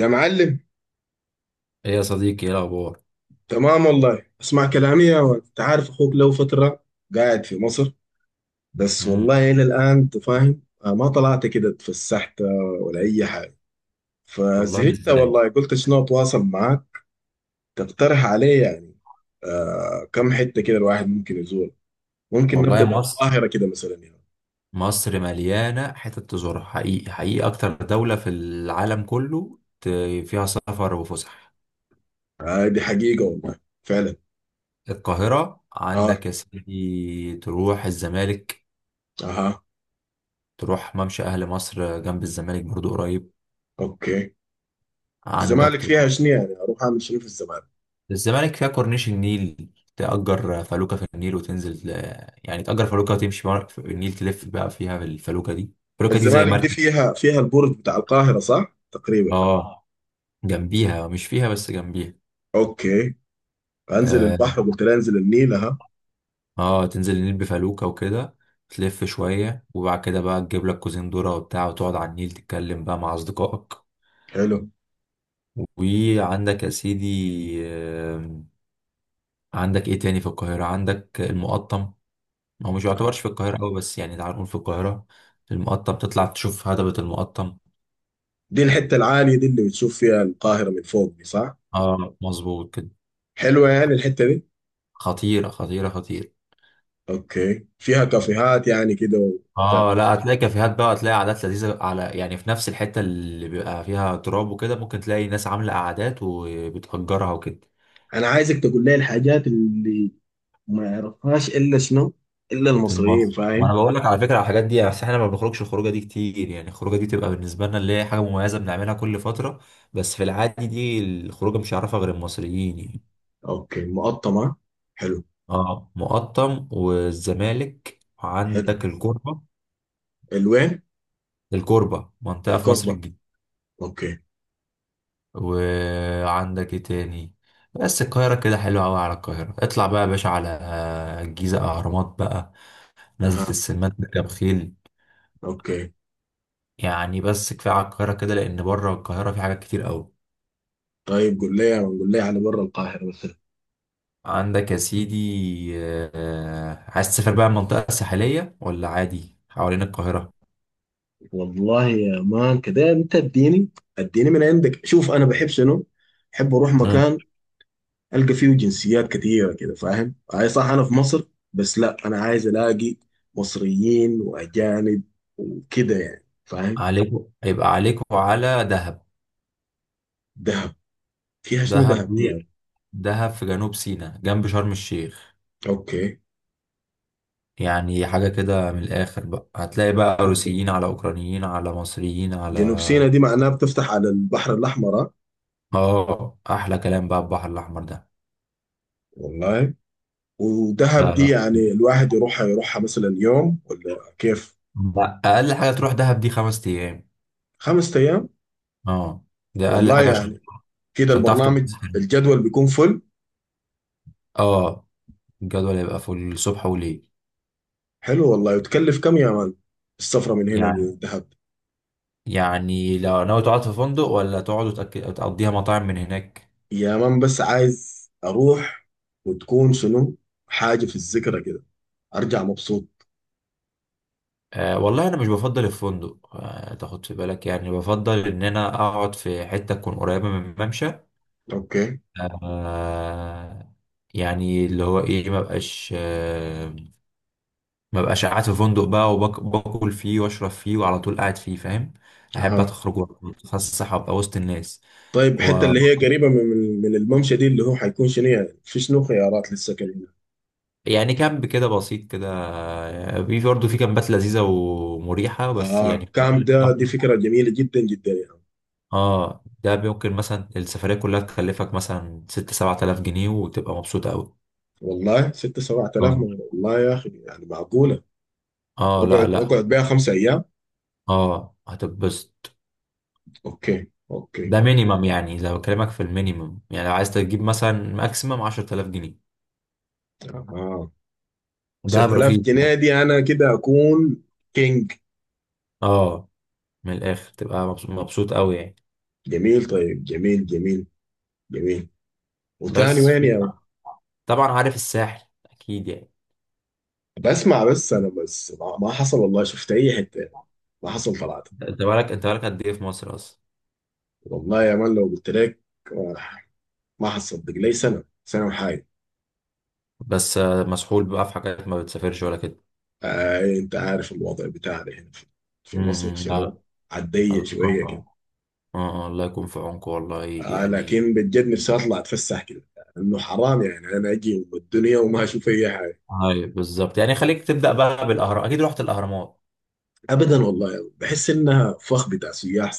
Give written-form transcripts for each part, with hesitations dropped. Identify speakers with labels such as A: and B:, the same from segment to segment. A: يا معلم.
B: ايه يا صديقي، ايه الاخبار؟
A: تمام والله، اسمع كلامي يا ولد، انت عارف اخوك له فترة قاعد في مصر. بس
B: امم.
A: والله الى الان انت فاهم، ما طلعت كده اتفسحت ولا اي حاجة.
B: والله
A: فزهقت
B: ازاي؟
A: والله، قلت شنو اتواصل معاك. تقترح علي يعني. كم حتة كده الواحد ممكن يزور؟ ممكن
B: والله يا
A: نبدأ
B: مصر،
A: بالقاهرة كده مثلا يعني.
B: مصر مليانه حتت تزورها، حقيقي حقيقي اكتر دوله في العالم كله فيها سفر وفسح.
A: آه، دي حقيقة والله فعلا.
B: القاهره
A: اه.
B: عندك يا سيدي، تروح الزمالك،
A: اها.
B: تروح ممشى اهل مصر جنب الزمالك برضو قريب.
A: اوكي.
B: عندك
A: الزمالك فيها
B: تروح.
A: شنو يعني، اروح اعمل شنو في الزمالك؟
B: الزمالك فيها كورنيش النيل، تأجر فلوكة في النيل وتنزل يعني تأجر فلوكة وتمشي في النيل، تلف بقى فيها بالفلوكة دي. الفلوكة دي زي
A: الزمالك دي
B: مركب.
A: فيها البرج بتاع القاهرة، صح تقريبا؟
B: اه، جنبيها، مش فيها بس جنبيها.
A: اوكي. انزل
B: اه،
A: البحر قلت لها، انزل النيل. اها.
B: تنزل النيل بفلوكة وكده، تلف شوية وبعد كده بقى تجيب لك كوزين ذرة وبتاع، وتقعد على النيل تتكلم بقى مع أصدقائك.
A: حلو.
B: وعندك يا سيدي، آم، عندك ايه تاني في القاهرة؟ عندك المقطم، هو مش
A: أها.
B: يعتبرش في القاهرة أوي بس يعني تعال نقول في القاهرة، المقطم تطلع تشوف هضبة المقطم.
A: دي الحته العاليه دي اللي بتشوف فيها القاهره من فوق دي، صح؟
B: اه، مظبوط كده.
A: حلوه يعني الحته دي؟
B: خطيرة خطيرة خطيرة.
A: اوكي، فيها كافيهات يعني كده وبتاع؟
B: اه، لا، هتلاقي كافيهات بقى، هتلاقي قعدات لذيذه على، يعني في نفس الحته اللي بيبقى فيها تراب وكده، ممكن تلاقي ناس عامله قعدات وبتأجرها وكده.
A: انا عايزك تقول لي الحاجات اللي ما يعرفهاش الا شنو، الا
B: في
A: المصريين،
B: المصر،
A: فاهم؟
B: وانا بقول لك على فكره على الحاجات دي، بس احنا ما بنخرجش الخروجه دي كتير، يعني الخروجه دي تبقى بالنسبه لنا اللي هي حاجه مميزه بنعملها كل فتره، بس في العادي دي الخروجه مش هيعرفها غير المصريين يعني.
A: اوكي، المقطمه. حلو.
B: اه، مقطم والزمالك
A: حلو.
B: وعندك الكوربه.
A: الوين؟
B: الكوربه منطقه في مصر.
A: الكربه. اوكي.
B: وعندك ايه تاني؟ بس القاهرة كده حلوة أوي. على القاهرة اطلع بقى يا باشا على الجيزة، أهرامات بقى، نزلة
A: اها.
B: السمان، بركب خيل.
A: اوكي.
B: يعني بس كفاية على القاهرة كده لأن بره القاهرة في حاجات كتير أوي.
A: طيب قول لي، قول لي على برا القاهره بس.
B: عندك يا سيدي، عايز تسافر بقى المنطقة الساحلية ولا عادي حوالين القاهرة؟
A: والله يا مان، كده انت اديني من عندك، شوف انا بحب شنو، بحب اروح
B: مم.
A: مكان. القى فيه جنسيات كتيره كده، فاهم، اي صح، انا في مصر. بس لا انا عايز الاقي مصريين واجانب، وكده يعني، فاهم؟
B: عليكوا يبقى عليكوا على دهب.
A: دهب؟ فيها شنو
B: دهب
A: دهب دي
B: دي،
A: يعني؟
B: دهب في جنوب سيناء جنب شرم الشيخ.
A: اوكي.
B: يعني حاجة كده من الآخر بقى، هتلاقي بقى روسيين على أوكرانيين على مصريين على.
A: جنوب سيناء دي معناها بتفتح على البحر الاحمر، ها؟
B: آه، أحلى كلام بقى البحر الأحمر ده.
A: والله. ودهب
B: لا،
A: دي
B: لا،
A: يعني الواحد يروحها مثلا يوم ولا كيف؟
B: لا، أقل حاجة تروح دهب دي 5 أيام.
A: 5 ايام.
B: اه، ده أقل
A: والله
B: حاجة عشان
A: يعني كده
B: عشان تعرف
A: البرنامج،
B: تتبسط.
A: الجدول بيكون فل.
B: اه، الجدول يبقى في الصبح وليل.
A: حلو والله. وتكلف كم يا مان السفرة من هنا
B: يعني
A: للدهب؟
B: يعني لو ناوي تقعد في فندق ولا تقعد تقضيها مطاعم من هناك.
A: يا مان بس عايز أروح، وتكون شنو، حاجة في الذكرى كده، أرجع مبسوط.
B: آه، والله انا مش بفضل الفندق، تاخد في بالك، يعني بفضل ان انا اقعد في حته تكون قريبه من الممشى.
A: أوكي.
B: آه، يعني اللي هو ايه، ما بقاش ما بقاش قاعد في فندق بقى وباكل فيه واشرب فيه وعلى طول قاعد فيه، فاهم؟ احب
A: أها.
B: اخرج واتفسح وابقى وسط الناس.
A: طيب
B: و
A: الحتة اللي هي قريبة من الممشى دي، اللي هو حيكون شنو يعني، في شنو خيارات للسكن هنا؟
B: يعني كامب كده بسيط كده، في برضه في كامبات لذيذة ومريحة بس يعني.
A: كام ده، دي فكرة جميلة جدا جدا يعني.
B: اه، ده ممكن مثلا السفرية كلها تكلفك مثلا ست سبعة آلاف جنيه وتبقى مبسوط أوي.
A: والله 6-7 آلاف
B: اه.
A: والله يا أخي يعني معقولة.
B: اه، لا
A: وأقعد
B: لا.
A: وأقعد بيها 5 أيام.
B: اه، هتتبسط.
A: أوكي، أوكي.
B: ده مينيمم، يعني لو بكلمك في المينيمم، يعني لو عايز تجيب مثلا ماكسيمم 10,000 جنيه.
A: آه.
B: دهب
A: 10000
B: رخيص ده.
A: جنيه دي انا كده اكون كينج.
B: اه، من الاخر تبقى مبسوط مبسوط قوي يعني.
A: جميل. طيب جميل، جميل، جميل. وتاني
B: بس
A: وين
B: في
A: يا...
B: طبعا عارف الساحل اكيد يعني.
A: بسمع بس، انا بس ما حصل والله شفت اي حته. ما حصل طلعت.
B: انت بالك قد ايه في مصر اصلا؟
A: والله يا مان لو قلت لك، آه، ما حصدق لي سنه وحاجه.
B: بس مسحول بقى في حاجات، ما بتسافرش ولا كده.
A: انت عارف الوضع بتاعنا هنا في مصر
B: امم،
A: شنو.
B: لا.
A: عالضيق
B: الله يكون في
A: شويه كده.
B: عونكم. اه، الله يكون في عونكم والله يعني.
A: لكن بجد نفسي اطلع اتفسح كده. انه حرام يعني، انا اجي ام الدنيا وما اشوف اي حاجه.
B: ايوه بالظبط، يعني خليك تبدا بقى بالاهرام، اكيد رحت الاهرامات.
A: ابدا والله بحس انها فخ بتاع سياح.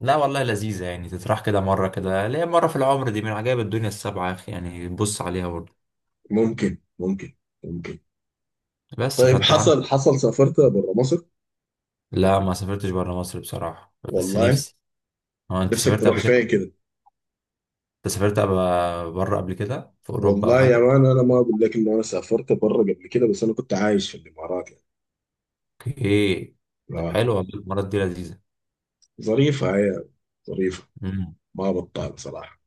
B: لا والله لذيذة يعني، تتراح كده مرة كده، ليه؟ مرة في العمر دي، من عجائب الدنيا السبعة يا أخي، يعني بص عليها برضه.
A: ممكن، ممكن، ممكن.
B: بس
A: طيب
B: فأنت عندك.
A: حصل سافرت بره مصر؟
B: لا، ما سافرتش برا مصر بصراحة، بس
A: والله.
B: نفسي. هو أنت
A: نفسك
B: سافرت
A: تروح
B: قبل
A: فين
B: كده؟
A: كده؟
B: أنت سافرت برا قبل كده، في أوروبا أو
A: والله يا
B: حاجة؟
A: مان، انا ما اقول لك انه انا سافرت بره قبل كده، بس انا كنت عايش في الامارات يعني.
B: أوكي. طب
A: آه.
B: حلو والله المرات دي لذيذة.
A: ظريفه هي، ظريفه.
B: مم.
A: ما بطال صراحه.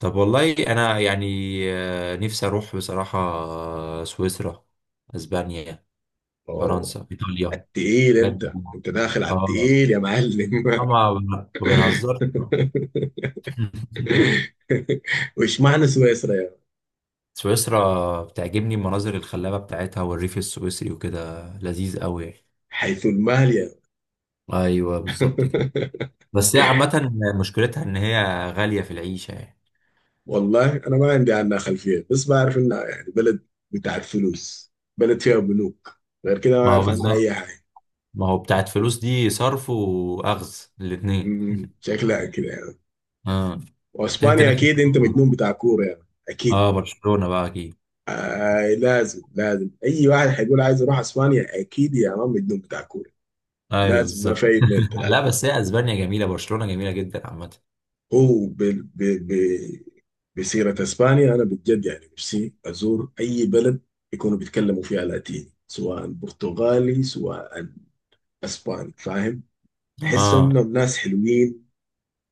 B: طب والله أنا يعني، نفسي أروح بصراحة، سويسرا، أسبانيا،
A: اوه،
B: فرنسا،
A: على
B: إيطاليا.
A: التقيل.
B: بجد.
A: انت داخل على
B: آه
A: التقيل يا معلم
B: آه، ما ما بنهزرش.
A: وش معنى سويسرا يا مان؟
B: سويسرا بتعجبني المناظر الخلابة بتاعتها والريف السويسري وكده، لذيذ قوي يعني.
A: حيث المال يا
B: ايوه بالظبط كده.
A: مان.
B: بس هي عامة مشكلتها إن هي غالية في العيشة يعني.
A: والله انا ما عندي عنها خلفيه، بس بعرف انها يعني بلد بتاعت فلوس، بلد فيها بنوك. غير كده ما
B: ما هو
A: اعرف عنها
B: بالظبط،
A: اي حاجه.
B: ما هو بتاعت فلوس دي صرف وأخذ الاتنين.
A: شكلها كده يعني.
B: اه، أنت
A: واسبانيا
B: نفسك
A: اكيد،
B: تروح
A: انت
B: فين؟
A: مجنون بتاع كوره يعني، اكيد.
B: اه، برشلونة بقى أكيد.
A: آه، لازم لازم، اي واحد هيقول عايز اروح اسبانيا اكيد يا مان مجنون بتاع كوره.
B: أيوه
A: لازم، ما
B: بالظبط.
A: في اثنين
B: لا
A: ثلاثه.
B: بس هي أسبانيا جميلة، برشلونة جميلة جدا عامة.
A: هو بسيره اسبانيا، انا بجد يعني نفسي ازور اي بلد يكونوا بيتكلموا فيها لاتيني، سواء برتغالي سواء اسباني، فاهم؟ تحس
B: اه،
A: انهم ناس حلوين،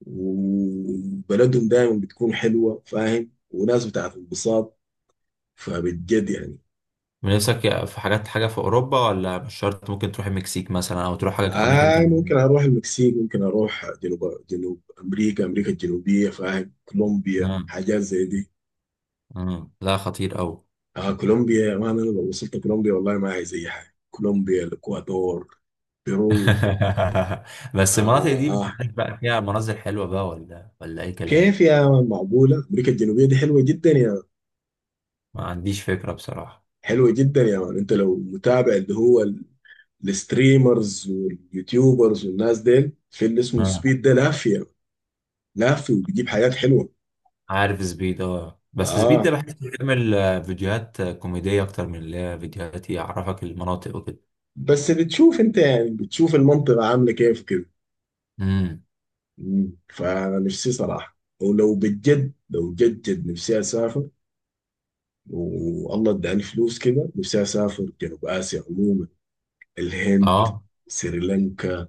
A: وبلدهم دايما بتكون حلوه، فاهم، وناس بتاعت انبساط. فبجد يعني.
B: من نفسك، في حاجة في أوروبا، ولا مش شرط، ممكن تروح المكسيك مثلا أو تروح حاجة أمريكا
A: آه، ممكن
B: الجنوبية.
A: اروح المكسيك، ممكن اروح جنوب جنوب امريكا امريكا الجنوبيه، فاهم، كولومبيا،
B: اه.
A: حاجات زي دي.
B: مم. لا، خطير قوي.
A: كولومبيا، ما انا لو وصلت كولومبيا والله ما عايز اي حاجه. كولومبيا، الاكوادور، بيرو.
B: بس المناطق دي مش
A: آه
B: عارف بقى فيها مناظر حلوة بقى، ولا أي كلام.
A: كيف يا مان معقولة؟ أمريكا الجنوبية دي حلوة جدا يا مان.
B: ما عنديش فكرة بصراحة.
A: حلوة جدا يا مان. أنت لو متابع اللي هو الستريمرز واليوتيوبرز والناس ديل، في اللي اسمه
B: آه.
A: سبيد ده لافية. لافي وبيجيب حاجات حلوة.
B: عارف سبيد، اه، بس سبيد ده
A: اه
B: بحس بيعمل فيديوهات كوميدية أكتر من اللي هي فيديوهات يعرفك المناطق وكده.
A: بس بتشوف انت، يعني بتشوف المنطقة عاملة كيف كده.
B: امم.
A: مم. فانا نفسي صراحة، ولو بجد لو جد جد نفسي اسافر. والله اداني فلوس كده، نفسي اسافر جنوب اسيا عموما. الهند،
B: اه،
A: سريلانكا،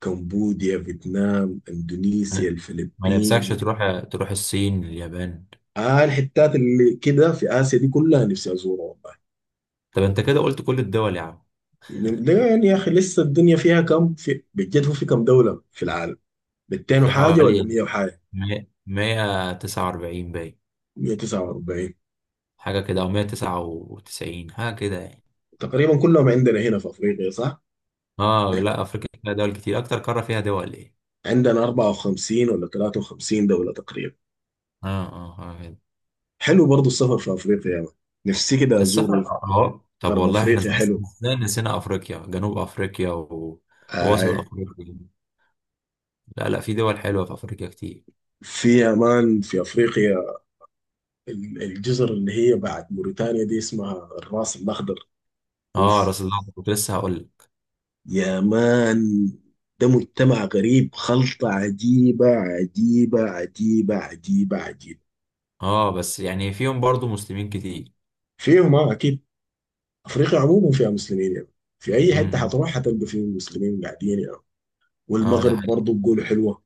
A: كمبوديا، فيتنام، اندونيسيا،
B: ما ما نفسكش
A: الفلبين.
B: تروح الصين، اليابان؟
A: الحتات اللي كده في آسيا دي كلها نفسي أزورها.
B: طب أنت كده قلت كل الدول يا عم.
A: ده يعني يا اخي لسه الدنيا فيها كم، في بجد هو في كم دولة في العالم؟ 200
B: في
A: وحاجة ولا 100
B: حوالي
A: وحاجة؟
B: 100 149 باين،
A: 149؟
B: حاجة كده أو 199 حاجة كده يعني.
A: تقريبا كلهم عندنا هنا في افريقيا، صح؟
B: اه، لا، افريقيا فيها دول كتير، اكتر قاره فيها دول ايه.
A: عندنا 54 ولا 53 دولة تقريبا.
B: اه. اه، حلو.
A: حلو برضو السفر في افريقيا يا مان. نفسي كده
B: السفر،
A: ازور
B: اه، طب
A: غرب
B: والله احنا
A: افريقيا،
B: ازاي،
A: حلو.
B: ازاي نسينا افريقيا؟ جنوب افريقيا ووسط
A: آه،
B: افريقيا. لا لا، في دول حلوه في افريقيا كتير.
A: في امان في افريقيا. الجزر اللي هي بعد موريتانيا دي اسمها الراس الاخضر.
B: اه،
A: اوف
B: راس الأخضر كنت لسه هقول لك.
A: يا مان، ده مجتمع غريب، خلطة عجيبة، عجيبة، عجيبة، عجيبة، عجيبة.
B: اه، بس يعني فيهم برضو مسلمين كتير.
A: فيهم اه اكيد. افريقيا عموما فيها مسلمين يعني، في اي حته
B: امم.
A: حتروح حتلقى فيه مسلمين قاعدين يعني.
B: اه، ده
A: والمغرب
B: حقيقي،
A: برضه بيقولوا حلوه.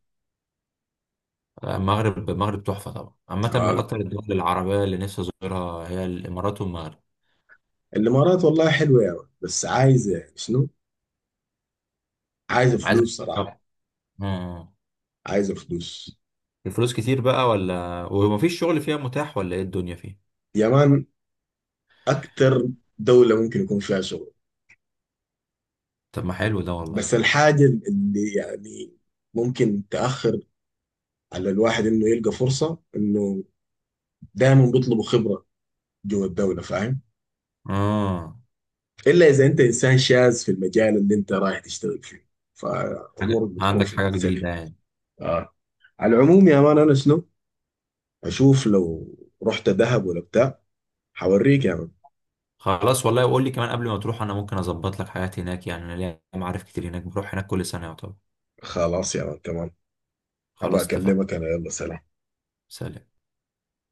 B: المغرب. المغرب تحفه طبعا، عامه من
A: آه.
B: اكتر الدول العربيه اللي نفسي ازورها هي الامارات والمغرب.
A: الامارات والله حلوه يعني، بس عايزه يعني شنو؟ عايزه
B: عايز أ-
A: فلوس صراحه.
B: طبعا. اه.
A: عايزه فلوس
B: الفلوس كتير بقى ولا، ومفيش شغل فيها متاح ولا، ايه الدنيا فيها؟
A: يمان، اكثر دوله ممكن يكون فيها شغل.
B: طب ما حلو ده والله.
A: بس الحاجه اللي يعني ممكن تاخر على الواحد انه يلقى فرصه، انه دايما بيطلبوا خبره جوه الدوله، فاهم.
B: اه،
A: الا اذا انت انسان شاذ في المجال اللي انت رايح تشتغل فيه، فامورك بتكون
B: عندك
A: في
B: حاجة
A: السليم.
B: جديدة يعني.
A: آه. على العموم يا مان انا شنو، اشوف لو رحت دهب ولا بتاع، حوريك يا مان.
B: خلاص والله، قول لي كمان قبل ما تروح، انا ممكن اظبط لك حاجات هناك، يعني انا ليا معارف كتير هناك، بروح هناك كل سنة يعتبر.
A: خلاص يا مان، تمام. ابى
B: خلاص اتفقنا.
A: اكلمك انا، يلا سلام.
B: سلام.